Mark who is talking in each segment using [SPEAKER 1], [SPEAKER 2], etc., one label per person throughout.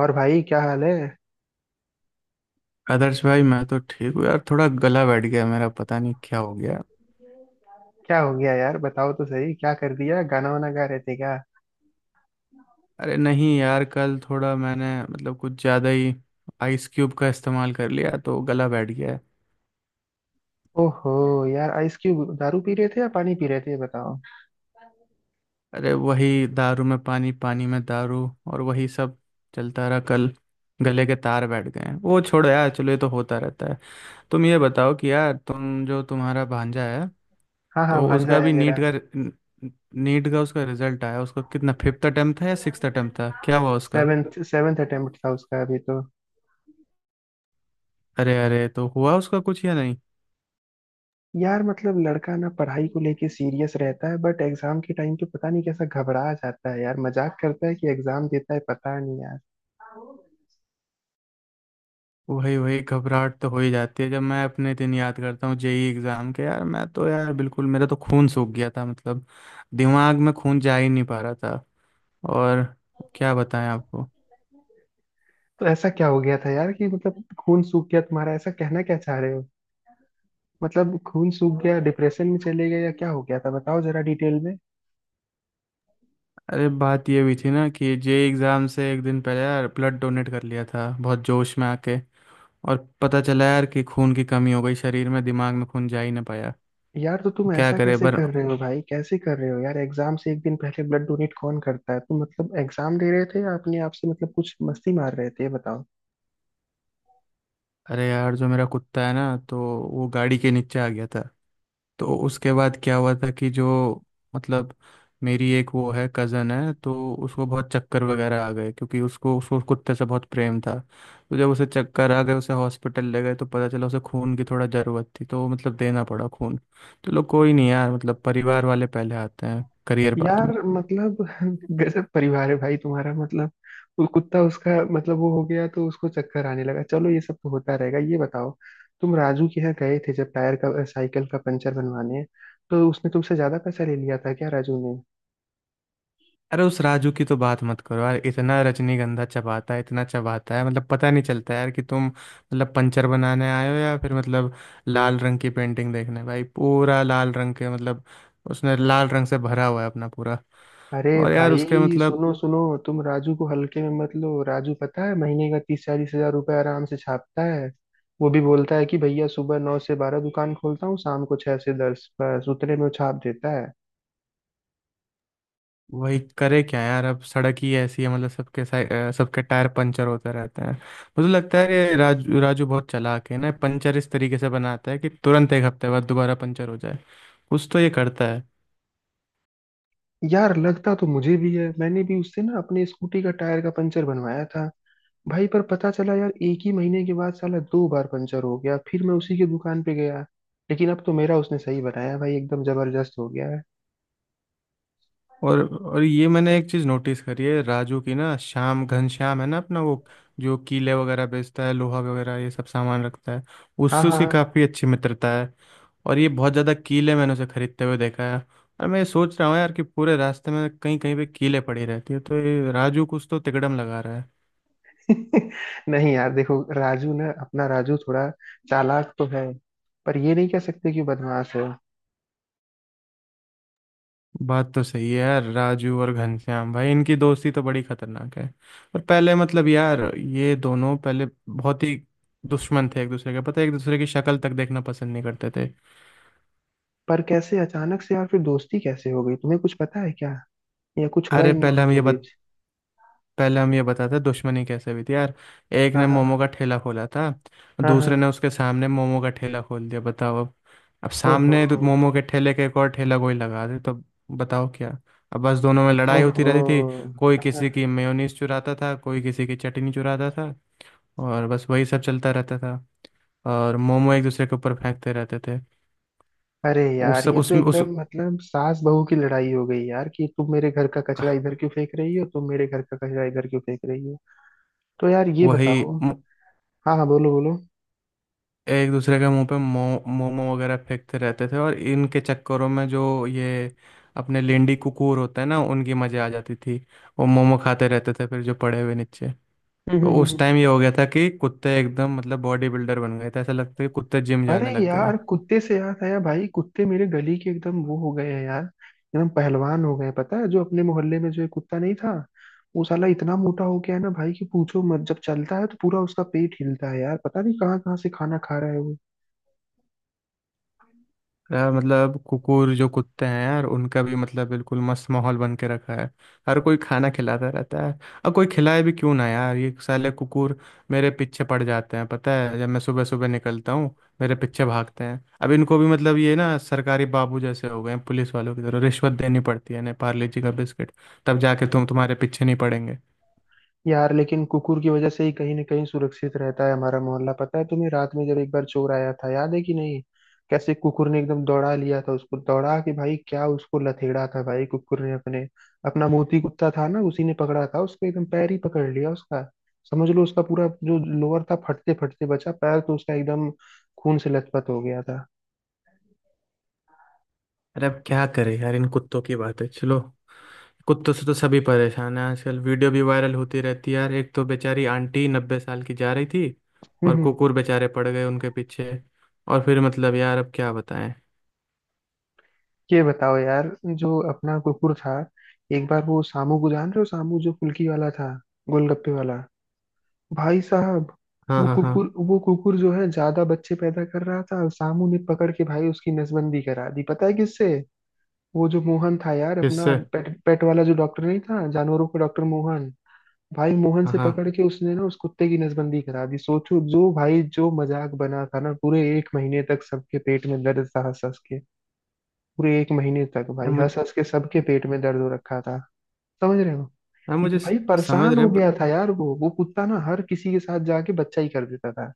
[SPEAKER 1] और भाई क्या हाल है।
[SPEAKER 2] आदर्श भाई, मैं तो ठीक हूँ यार। थोड़ा गला बैठ गया मेरा, पता नहीं क्या हो गया।
[SPEAKER 1] क्या हो गया यार, बताओ तो सही, क्या कर दिया? गाना वाना गा रहे थे क्या?
[SPEAKER 2] अरे नहीं यार, कल थोड़ा मैंने मतलब कुछ ज़्यादा ही आइस क्यूब का इस्तेमाल कर लिया तो गला बैठ गया है।
[SPEAKER 1] ओहो। यार आइस क्यूब, दारू पी रहे थे या पानी पी रहे थे, ये बताओ।
[SPEAKER 2] अरे वही, दारू में पानी, पानी में दारू और वही सब चलता रहा कल। गले के तार बैठ गए हैं, वो छोड़ो यार। चलो, ये तो होता रहता है। तुम ये बताओ कि यार तुम जो तुम्हारा भांजा है,
[SPEAKER 1] हाँ हाँ,
[SPEAKER 2] तो
[SPEAKER 1] भांजा
[SPEAKER 2] उसका
[SPEAKER 1] है
[SPEAKER 2] भी
[SPEAKER 1] मेरा।
[SPEAKER 2] नीट का, नीट का उसका रिजल्ट आया। उसका कितना फिफ्थ अटेम्प्ट था या सिक्स्थ अटेम्प्ट था, क्या हुआ उसका?
[SPEAKER 1] सेवेंथ सेवेंथ अटेम्प्ट था उसका अभी तो।
[SPEAKER 2] अरे अरे, तो हुआ उसका कुछ या नहीं?
[SPEAKER 1] यार मतलब लड़का ना पढ़ाई को लेके सीरियस रहता है, बट एग्जाम के टाइम पे पता नहीं कैसा घबरा जाता है। यार मजाक करता है कि एग्जाम देता है, पता नहीं यार।
[SPEAKER 2] वही वही घबराहट तो हो ही जाती है। जब मैं अपने दिन याद करता हूँ जेई एग्जाम के, यार मैं तो यार बिल्कुल, मेरा तो खून सूख गया था मतलब। दिमाग में खून जा ही नहीं पा रहा था। और क्या बताएं आपको।
[SPEAKER 1] तो ऐसा क्या हो गया था यार कि मतलब खून सूख गया तुम्हारा, ऐसा कहना क्या चाह रहे हो? मतलब खून सूख गया, डिप्रेशन में चले गए या क्या हो गया था, बताओ जरा डिटेल में।
[SPEAKER 2] अरे, बात ये हुई थी ना कि जेई एग्जाम से एक दिन पहले यार ब्लड डोनेट कर लिया था बहुत जोश में आके। और पता चला यार कि खून की कमी हो गई शरीर में, दिमाग में खून जा ही ना पाया।
[SPEAKER 1] यार तो तुम
[SPEAKER 2] क्या
[SPEAKER 1] ऐसा
[SPEAKER 2] करे
[SPEAKER 1] कैसे
[SPEAKER 2] पर।
[SPEAKER 1] कर रहे हो भाई, कैसे कर रहे हो यार, एग्जाम से एक दिन पहले ब्लड डोनेट कौन करता है? तुम मतलब एग्जाम दे रहे थे या अपने आप से मतलब कुछ मस्ती मार रहे थे, ये बताओ।
[SPEAKER 2] अरे यार, जो मेरा कुत्ता है ना, तो वो गाड़ी के नीचे आ गया था। तो उसके बाद क्या हुआ था कि जो मतलब, मेरी एक वो है, कज़न है, तो उसको बहुत चक्कर वगैरह आ गए क्योंकि उसको उसको उस कुत्ते से बहुत प्रेम था। तो जब उसे चक्कर आ गए, उसे हॉस्पिटल ले गए तो पता चला उसे खून की थोड़ा ज़रूरत थी, तो मतलब देना पड़ा खून। चलो कोई नहीं यार, मतलब परिवार वाले पहले आते हैं, करियर बाद
[SPEAKER 1] यार
[SPEAKER 2] में।
[SPEAKER 1] मतलब गजब परिवार है भाई तुम्हारा। मतलब वो कुत्ता उसका मतलब वो हो गया तो उसको चक्कर आने लगा, चलो ये सब तो होता रहेगा। ये बताओ, तुम राजू के यहाँ गए थे जब टायर का साइकिल का पंचर बनवाने, तो उसने तुमसे ज्यादा पैसा ले लिया था क्या राजू?
[SPEAKER 2] अरे उस राजू की तो बात मत करो यार। इतना रजनीगंधा चबाता है, इतना चबाता है, मतलब पता नहीं चलता यार कि तुम मतलब पंचर बनाने आए हो या फिर मतलब लाल रंग की पेंटिंग देखने। भाई पूरा लाल रंग के मतलब, उसने लाल रंग से भरा हुआ है अपना पूरा।
[SPEAKER 1] अरे
[SPEAKER 2] और यार उसके
[SPEAKER 1] भाई
[SPEAKER 2] मतलब,
[SPEAKER 1] सुनो सुनो, तुम राजू को हल्के में मत लो। राजू पता है महीने का 30-40 हजार रुपये आराम से छापता है। वो भी बोलता है कि भैया सुबह 9 से 12 दुकान खोलता हूँ, शाम को 6 से 10, बस उतने में वो छाप देता है।
[SPEAKER 2] वही करे क्या यार। अब सड़क ही ऐसी है मतलब सबके टायर पंचर होते रहते हैं। मुझे लगता है ये राजू, राजू बहुत चालाक है ना। पंचर इस तरीके से बनाता है कि तुरंत एक हफ्ते बाद दोबारा पंचर हो जाए। कुछ तो ये करता है।
[SPEAKER 1] यार लगता तो मुझे भी है, मैंने भी उससे ना अपने स्कूटी का टायर का पंचर बनवाया था भाई, पर पता चला यार एक ही महीने के बाद साला दो बार पंचर हो गया, फिर मैं उसी की दुकान पे गया। लेकिन अब तो मेरा उसने सही बनाया भाई, एकदम जबरदस्त हो गया है।
[SPEAKER 2] और और ये मैंने एक चीज़ नोटिस करी है राजू की ना, श्याम घनश्याम है ना अपना वो, जो कीले वगैरह बेचता है, लोहा वगैरह ये सब सामान रखता है,
[SPEAKER 1] हाँ
[SPEAKER 2] उससे
[SPEAKER 1] हाँ
[SPEAKER 2] उसकी
[SPEAKER 1] हाँ।
[SPEAKER 2] काफ़ी अच्छी मित्रता है। और ये बहुत ज़्यादा कीले मैंने उसे खरीदते हुए देखा है। और मैं ये सोच रहा हूँ यार कि पूरे रास्ते में कहीं कहीं पे कीले पड़ी रहती है, तो ये राजू कुछ तो तिकड़म लगा रहा है।
[SPEAKER 1] नहीं यार देखो, राजू ना अपना राजू थोड़ा चालाक तो है, पर ये नहीं कह सकते कि बदमाश है।
[SPEAKER 2] बात तो सही है यार, राजू और घनश्याम भाई इनकी दोस्ती तो बड़ी खतरनाक है। और पहले मतलब यार, ये दोनों पहले बहुत ही दुश्मन थे एक दूसरे के। पता है एक दूसरे की शक्ल तक देखना पसंद नहीं करते थे।
[SPEAKER 1] पर कैसे अचानक से यार फिर दोस्ती कैसे हो गई, तुम्हें कुछ पता है क्या, या कुछ हुआ
[SPEAKER 2] अरे
[SPEAKER 1] इन
[SPEAKER 2] पहले
[SPEAKER 1] दोनों
[SPEAKER 2] हम
[SPEAKER 1] के
[SPEAKER 2] ये बत,
[SPEAKER 1] बीच?
[SPEAKER 2] पहले हम ये बताते हैं दुश्मनी कैसे हुई थी यार। एक
[SPEAKER 1] हाँ
[SPEAKER 2] ने मोमो
[SPEAKER 1] हाँ।
[SPEAKER 2] का ठेला खोला था।
[SPEAKER 1] हाँ
[SPEAKER 2] दूसरे
[SPEAKER 1] हाँ।
[SPEAKER 2] ने उसके सामने मोमो का ठेला खोल दिया, बताओ अब। अब
[SPEAKER 1] ओहो।
[SPEAKER 2] सामने तो मोमो के ठेले के एक और ठेला कोई लगा दे तो बताओ क्या। अब बस दोनों में लड़ाई होती
[SPEAKER 1] ओहो।
[SPEAKER 2] रहती थी। कोई
[SPEAKER 1] हाँ,
[SPEAKER 2] किसी
[SPEAKER 1] हाँ।
[SPEAKER 2] की मेयोनीज चुराता था, कोई किसी की चटनी चुराता था। और बस वही सब चलता रहता था। और मोमो एक दूसरे के ऊपर फेंकते रहते थे।
[SPEAKER 1] अरे यार ये तो
[SPEAKER 2] उस
[SPEAKER 1] एकदम मतलब सास बहू की लड़ाई हो गई यार कि तुम मेरे घर का कचरा इधर क्यों फेंक रही हो, तुम मेरे घर का कचरा इधर क्यों फेंक रही हो। तो यार ये
[SPEAKER 2] वही,
[SPEAKER 1] बताओ। हाँ हाँ, बोलो बोलो।
[SPEAKER 2] एक दूसरे के मुंह पे मोमो वगैरह फेंकते रहते थे। और इनके चक्करों में जो ये अपने लेंडी कुकूर होते हैं ना, उनकी मजे आ जाती थी। वो मोमो खाते रहते थे फिर जो पड़े हुए नीचे। तो उस
[SPEAKER 1] हम्म।
[SPEAKER 2] टाइम ये हो गया था कि कुत्ते एकदम मतलब बॉडी बिल्डर बन गए थे। ऐसा लगता है कि कुत्ते जिम जाने
[SPEAKER 1] अरे
[SPEAKER 2] लग गए।
[SPEAKER 1] यार कुत्ते से याद आया भाई, कुत्ते मेरे गली के एकदम वो हो गए हैं यार, एकदम पहलवान हो गए हैं। पता है जो अपने मोहल्ले में जो एक कुत्ता नहीं था, वो साला इतना मोटा हो गया है ना भाई कि पूछो मत, जब चलता है तो पूरा उसका पेट हिलता है। यार पता नहीं कहाँ कहाँ से खाना खा रहा है वो।
[SPEAKER 2] यार मतलब कुकुर, जो कुत्ते हैं यार, उनका भी मतलब बिल्कुल मस्त माहौल बन के रखा है। हर कोई खाना खिलाता रहता है। और कोई खिलाए भी क्यों ना यार। ये साले कुकुर मेरे पीछे पड़ जाते हैं, पता है जब मैं सुबह सुबह निकलता हूँ, मेरे पीछे भागते हैं। अब इनको भी मतलब, ये ना सरकारी बाबू जैसे हो गए हैं, पुलिस वालों की तरह रिश्वत देनी पड़ती है ना, पार्ले जी का बिस्किट, तब जाके तुम्हारे पीछे नहीं पड़ेंगे।
[SPEAKER 1] यार लेकिन कुकुर की वजह से ही कहीं ना कहीं सुरक्षित रहता है हमारा मोहल्ला। पता है तुम्हें, रात में जब एक बार चोर आया था, याद है कि नहीं, कैसे कुकुर ने एकदम दौड़ा लिया था उसको, दौड़ा के भाई क्या उसको लथेड़ा था भाई कुकुर ने अपने। अपना मोती कुत्ता था ना, उसी ने पकड़ा था उसको, एकदम पैर ही पकड़ लिया उसका। समझ लो उसका पूरा जो लोअर था फटते फटते बचा, पैर तो उसका एकदम खून से लथपथ हो गया था।
[SPEAKER 2] अरे अब क्या करें यार, इन कुत्तों की बात है चलो। कुत्तों से तो सभी परेशान है। आजकल वीडियो भी वायरल होती रहती है यार। एक तो बेचारी आंटी 90 साल की जा रही थी, और
[SPEAKER 1] हम्म।
[SPEAKER 2] कुकुर बेचारे पड़ गए उनके पीछे। और फिर मतलब यार अब क्या बताएं।
[SPEAKER 1] ये बताओ यार, जो अपना कुकुर था, एक बार वो सामू को जान रहे हो, सामू जो फुल्की वाला था, गोलगप्पे वाला, भाई साहब,
[SPEAKER 2] हाँ
[SPEAKER 1] वो
[SPEAKER 2] हाँ हाँ।
[SPEAKER 1] कुकुर, वो कुकुर जो है ज्यादा बच्चे पैदा कर रहा था, और सामू ने पकड़ के भाई उसकी नसबंदी करा दी। पता है किससे? वो जो मोहन था यार अपना,
[SPEAKER 2] किससे?
[SPEAKER 1] पेट पेट वाला जो डॉक्टर नहीं था, जानवरों का डॉक्टर मोहन। भाई मोहन
[SPEAKER 2] हाँ
[SPEAKER 1] से
[SPEAKER 2] हाँ।
[SPEAKER 1] पकड़ के उसने ना उस कुत्ते की नसबंदी करा दी। सोचो, जो भाई जो मजाक बना था ना, पूरे एक महीने तक सबके पेट में दर्द था हंस हंस के। पूरे एक महीने तक
[SPEAKER 2] यार
[SPEAKER 1] भाई
[SPEAKER 2] मुझे,
[SPEAKER 1] हंस हंस के सबके पेट में दर्द हो रखा था। समझ रहे हो? भाई
[SPEAKER 2] समझ
[SPEAKER 1] परेशान
[SPEAKER 2] रहे
[SPEAKER 1] हो
[SPEAKER 2] हैं but।
[SPEAKER 1] गया था यार, वो कुत्ता ना हर किसी के साथ जाके बच्चा ही कर देता था।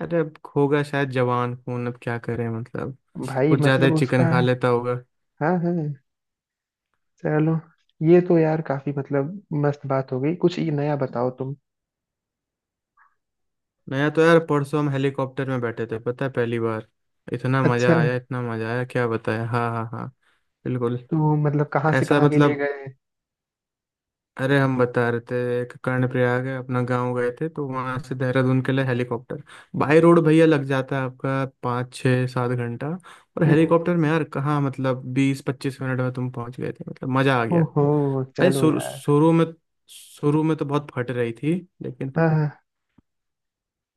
[SPEAKER 2] अरे अब होगा शायद जवान खून, अब क्या करें मतलब।
[SPEAKER 1] भाई
[SPEAKER 2] कुछ ज्यादा
[SPEAKER 1] मतलब
[SPEAKER 2] ही चिकन
[SPEAKER 1] उसका।
[SPEAKER 2] खा लेता होगा।
[SPEAKER 1] हाँ हाँ। चलो, ये तो यार काफी मतलब मस्त बात हो गई, कुछ ये नया बताओ तुम।
[SPEAKER 2] नया तो यार परसों हम हेलीकॉप्टर में बैठे थे, पता है, पहली बार। इतना
[SPEAKER 1] अच्छा,
[SPEAKER 2] मजा आया, इतना मजा आया, क्या बताया। हाँ हाँ हाँ। बिल्कुल।
[SPEAKER 1] तो मतलब कहाँ से
[SPEAKER 2] ऐसा
[SPEAKER 1] कहाँ के लिए
[SPEAKER 2] मतलब,
[SPEAKER 1] गए?
[SPEAKER 2] अरे हम बता रहे थे। एक कर्णप्रयाग है अपना गांव, गए थे तो वहां से देहरादून के लिए हेलीकॉप्टर। बाय रोड भैया लग जाता है आपका 5, 6, 7 घंटा, और
[SPEAKER 1] हम्म।
[SPEAKER 2] हेलीकॉप्टर में यार कहाँ, मतलब 20-25 मिनट में तुम पहुंच गए थे, मतलब मजा आ गया।
[SPEAKER 1] ओहो
[SPEAKER 2] भाई
[SPEAKER 1] चलो
[SPEAKER 2] शुरू
[SPEAKER 1] यार।
[SPEAKER 2] शुरू में, तो बहुत फट रही थी लेकिन।
[SPEAKER 1] हाँ हाँ।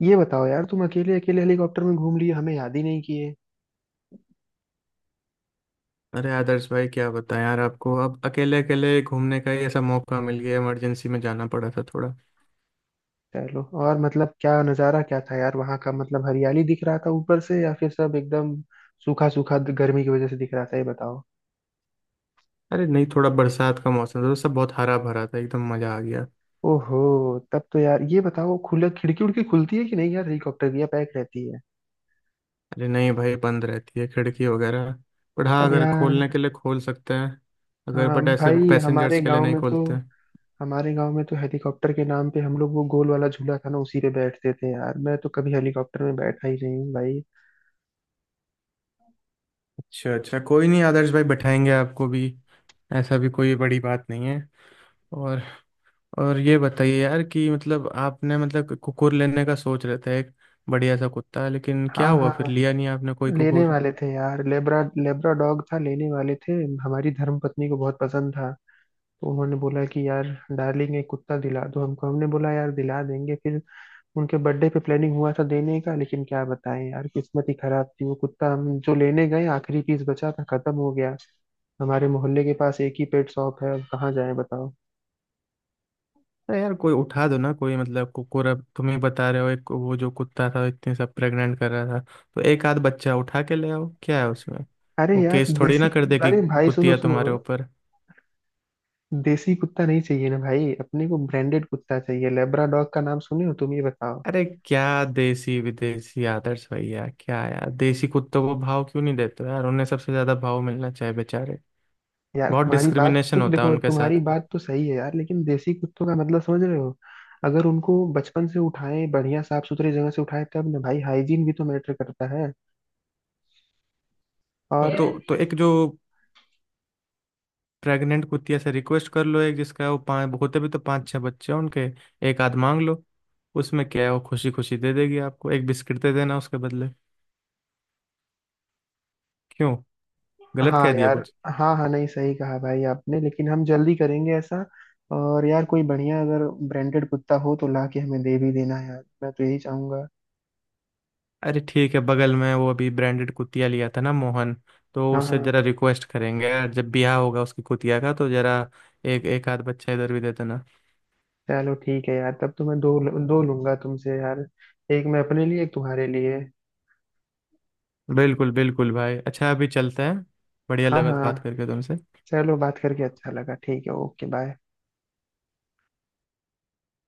[SPEAKER 1] ये बताओ यार, तुम अकेले अकेले हेलीकॉप्टर में घूम लिए, हमें याद ही नहीं किए।
[SPEAKER 2] अरे आदर्श भाई क्या बताएं यार आपको, अब अकेले अकेले घूमने का ही ऐसा मौका मिल गया, इमरजेंसी में जाना पड़ा था थोड़ा।
[SPEAKER 1] चलो, और मतलब क्या नज़ारा क्या था यार वहाँ का? मतलब हरियाली दिख रहा था ऊपर से, या फिर सब एकदम सूखा सूखा गर्मी की वजह से दिख रहा था, ये बताओ।
[SPEAKER 2] अरे नहीं, थोड़ा बरसात का मौसम था तो सब बहुत हरा भरा था, एकदम मजा आ गया।
[SPEAKER 1] ओहो। तब तो यार ये बताओ, खुला खिड़की उड़की खुलती है कि नहीं यार हेलीकॉप्टर की, या पैक रहती है?
[SPEAKER 2] अरे नहीं भाई, बंद रहती है खिड़की वगैरह। बट हाँ,
[SPEAKER 1] अब
[SPEAKER 2] अगर खोलने
[SPEAKER 1] यार,
[SPEAKER 2] के लिए खोल सकते हैं। अगर बट
[SPEAKER 1] हम
[SPEAKER 2] ऐसे
[SPEAKER 1] भाई हमारे
[SPEAKER 2] पैसेंजर्स के लिए
[SPEAKER 1] गांव
[SPEAKER 2] नहीं
[SPEAKER 1] में तो,
[SPEAKER 2] खोलते।
[SPEAKER 1] हमारे गांव में तो हेलीकॉप्टर के नाम पे हम लोग वो गोल वाला झूला था ना उसी पे बैठते थे यार, मैं तो कभी हेलीकॉप्टर में बैठा ही नहीं हूँ भाई।
[SPEAKER 2] अच्छा अच्छा, कोई नहीं आदर्श भाई, बैठाएंगे आपको भी। ऐसा भी कोई बड़ी बात नहीं है। और और ये बताइए यार कि मतलब आपने मतलब कुकुर लेने का सोच रहे थे, एक बढ़िया सा कुत्ता, लेकिन क्या
[SPEAKER 1] हाँ
[SPEAKER 2] हुआ फिर,
[SPEAKER 1] हाँ।
[SPEAKER 2] लिया नहीं आपने कोई
[SPEAKER 1] लेने
[SPEAKER 2] कुकुर।
[SPEAKER 1] वाले थे यार, लेब्रा लेब्रा डॉग था, लेने वाले थे। हमारी धर्म पत्नी को बहुत पसंद था। तो उन्होंने बोला कि यार डार्लिंग एक कुत्ता दिला दो हमको, हमने बोला यार दिला देंगे। फिर उनके बर्थडे पे प्लानिंग हुआ था देने का, लेकिन क्या बताएं यार, किस्मत ही खराब थी, वो कुत्ता हम जो लेने गए आखिरी पीस बचा था, खत्म हो गया। हमारे मोहल्ले के पास एक ही पेट शॉप है, अब कहाँ जाए बताओ।
[SPEAKER 2] अरे यार कोई उठा दो ना कोई, मतलब कुकुर। अब तुम्हें बता रहे हो, एक वो जो कुत्ता था इतने सब प्रेग्नेंट कर रहा था, तो एक आध बच्चा उठा के ले आओ, क्या है उसमें।
[SPEAKER 1] अरे
[SPEAKER 2] वो
[SPEAKER 1] यार
[SPEAKER 2] केस थोड़ी
[SPEAKER 1] देसी।
[SPEAKER 2] ना कर देगी
[SPEAKER 1] अरे भाई सुनो
[SPEAKER 2] कुतिया
[SPEAKER 1] सुनो।
[SPEAKER 2] तुम्हारे ऊपर।
[SPEAKER 1] देसी कुत्ता नहीं चाहिए ना भाई, अपने को ब्रांडेड कुत्ता चाहिए। लेब्राडॉग का नाम सुने हो तुम, ये बताओ।
[SPEAKER 2] अरे क्या देसी विदेशी, आदर्श भैया क्या यार, देसी कुत्तों को भाव क्यों नहीं देते हो यार, उन्हें सबसे ज्यादा भाव मिलना चाहिए बेचारे।
[SPEAKER 1] यार
[SPEAKER 2] बहुत
[SPEAKER 1] तुम्हारी बात,
[SPEAKER 2] डिस्क्रिमिनेशन
[SPEAKER 1] तुम
[SPEAKER 2] होता है
[SPEAKER 1] देखो
[SPEAKER 2] उनके
[SPEAKER 1] तुम्हारी
[SPEAKER 2] साथ।
[SPEAKER 1] बात तो सही है यार, लेकिन देसी कुत्तों का मतलब समझ रहे हो, अगर उनको बचपन से उठाए बढ़िया साफ सुथरे जगह से उठाए तब ना भाई, हाइजीन भी तो मैटर करता है।
[SPEAKER 2] तो तो
[SPEAKER 1] और,
[SPEAKER 2] तो एक जो प्रेग्नेंट कुतिया से रिक्वेस्ट कर लो, एक जिसका वो पाँच होते भी, तो 5, 6 बच्चे हैं उनके, एक आध मांग लो, उसमें क्या है। वो खुशी खुशी दे देगी आपको, एक बिस्किट दे देना उसके बदले। क्यों, गलत
[SPEAKER 1] हाँ
[SPEAKER 2] कह दिया
[SPEAKER 1] यार,
[SPEAKER 2] कुछ?
[SPEAKER 1] हाँ हाँ, नहीं सही कहा भाई आपने, लेकिन हम जल्दी करेंगे ऐसा। और यार कोई बढ़िया अगर ब्रांडेड कुत्ता हो तो ला के हमें दे भी देना यार, मैं तो यही चाहूंगा।
[SPEAKER 2] अरे ठीक है, बगल में वो अभी ब्रांडेड कुतिया लिया था ना मोहन, तो
[SPEAKER 1] हाँ
[SPEAKER 2] उससे
[SPEAKER 1] हाँ।
[SPEAKER 2] जरा रिक्वेस्ट करेंगे यार, जब ब्याह होगा उसकी कुतिया का, तो जरा एक एक आध बच्चा इधर भी दे देना।
[SPEAKER 1] चलो ठीक है यार, तब तो मैं दो, दो लूंगा तुमसे यार, एक मैं अपने लिए एक तुम्हारे लिए।
[SPEAKER 2] बिल्कुल बिल्कुल भाई, अच्छा अभी चलते हैं, बढ़िया
[SPEAKER 1] हाँ
[SPEAKER 2] लगा तो बात
[SPEAKER 1] हाँ।
[SPEAKER 2] करके तुमसे।
[SPEAKER 1] चलो बात करके अच्छा लगा, ठीक है, ओके बाय।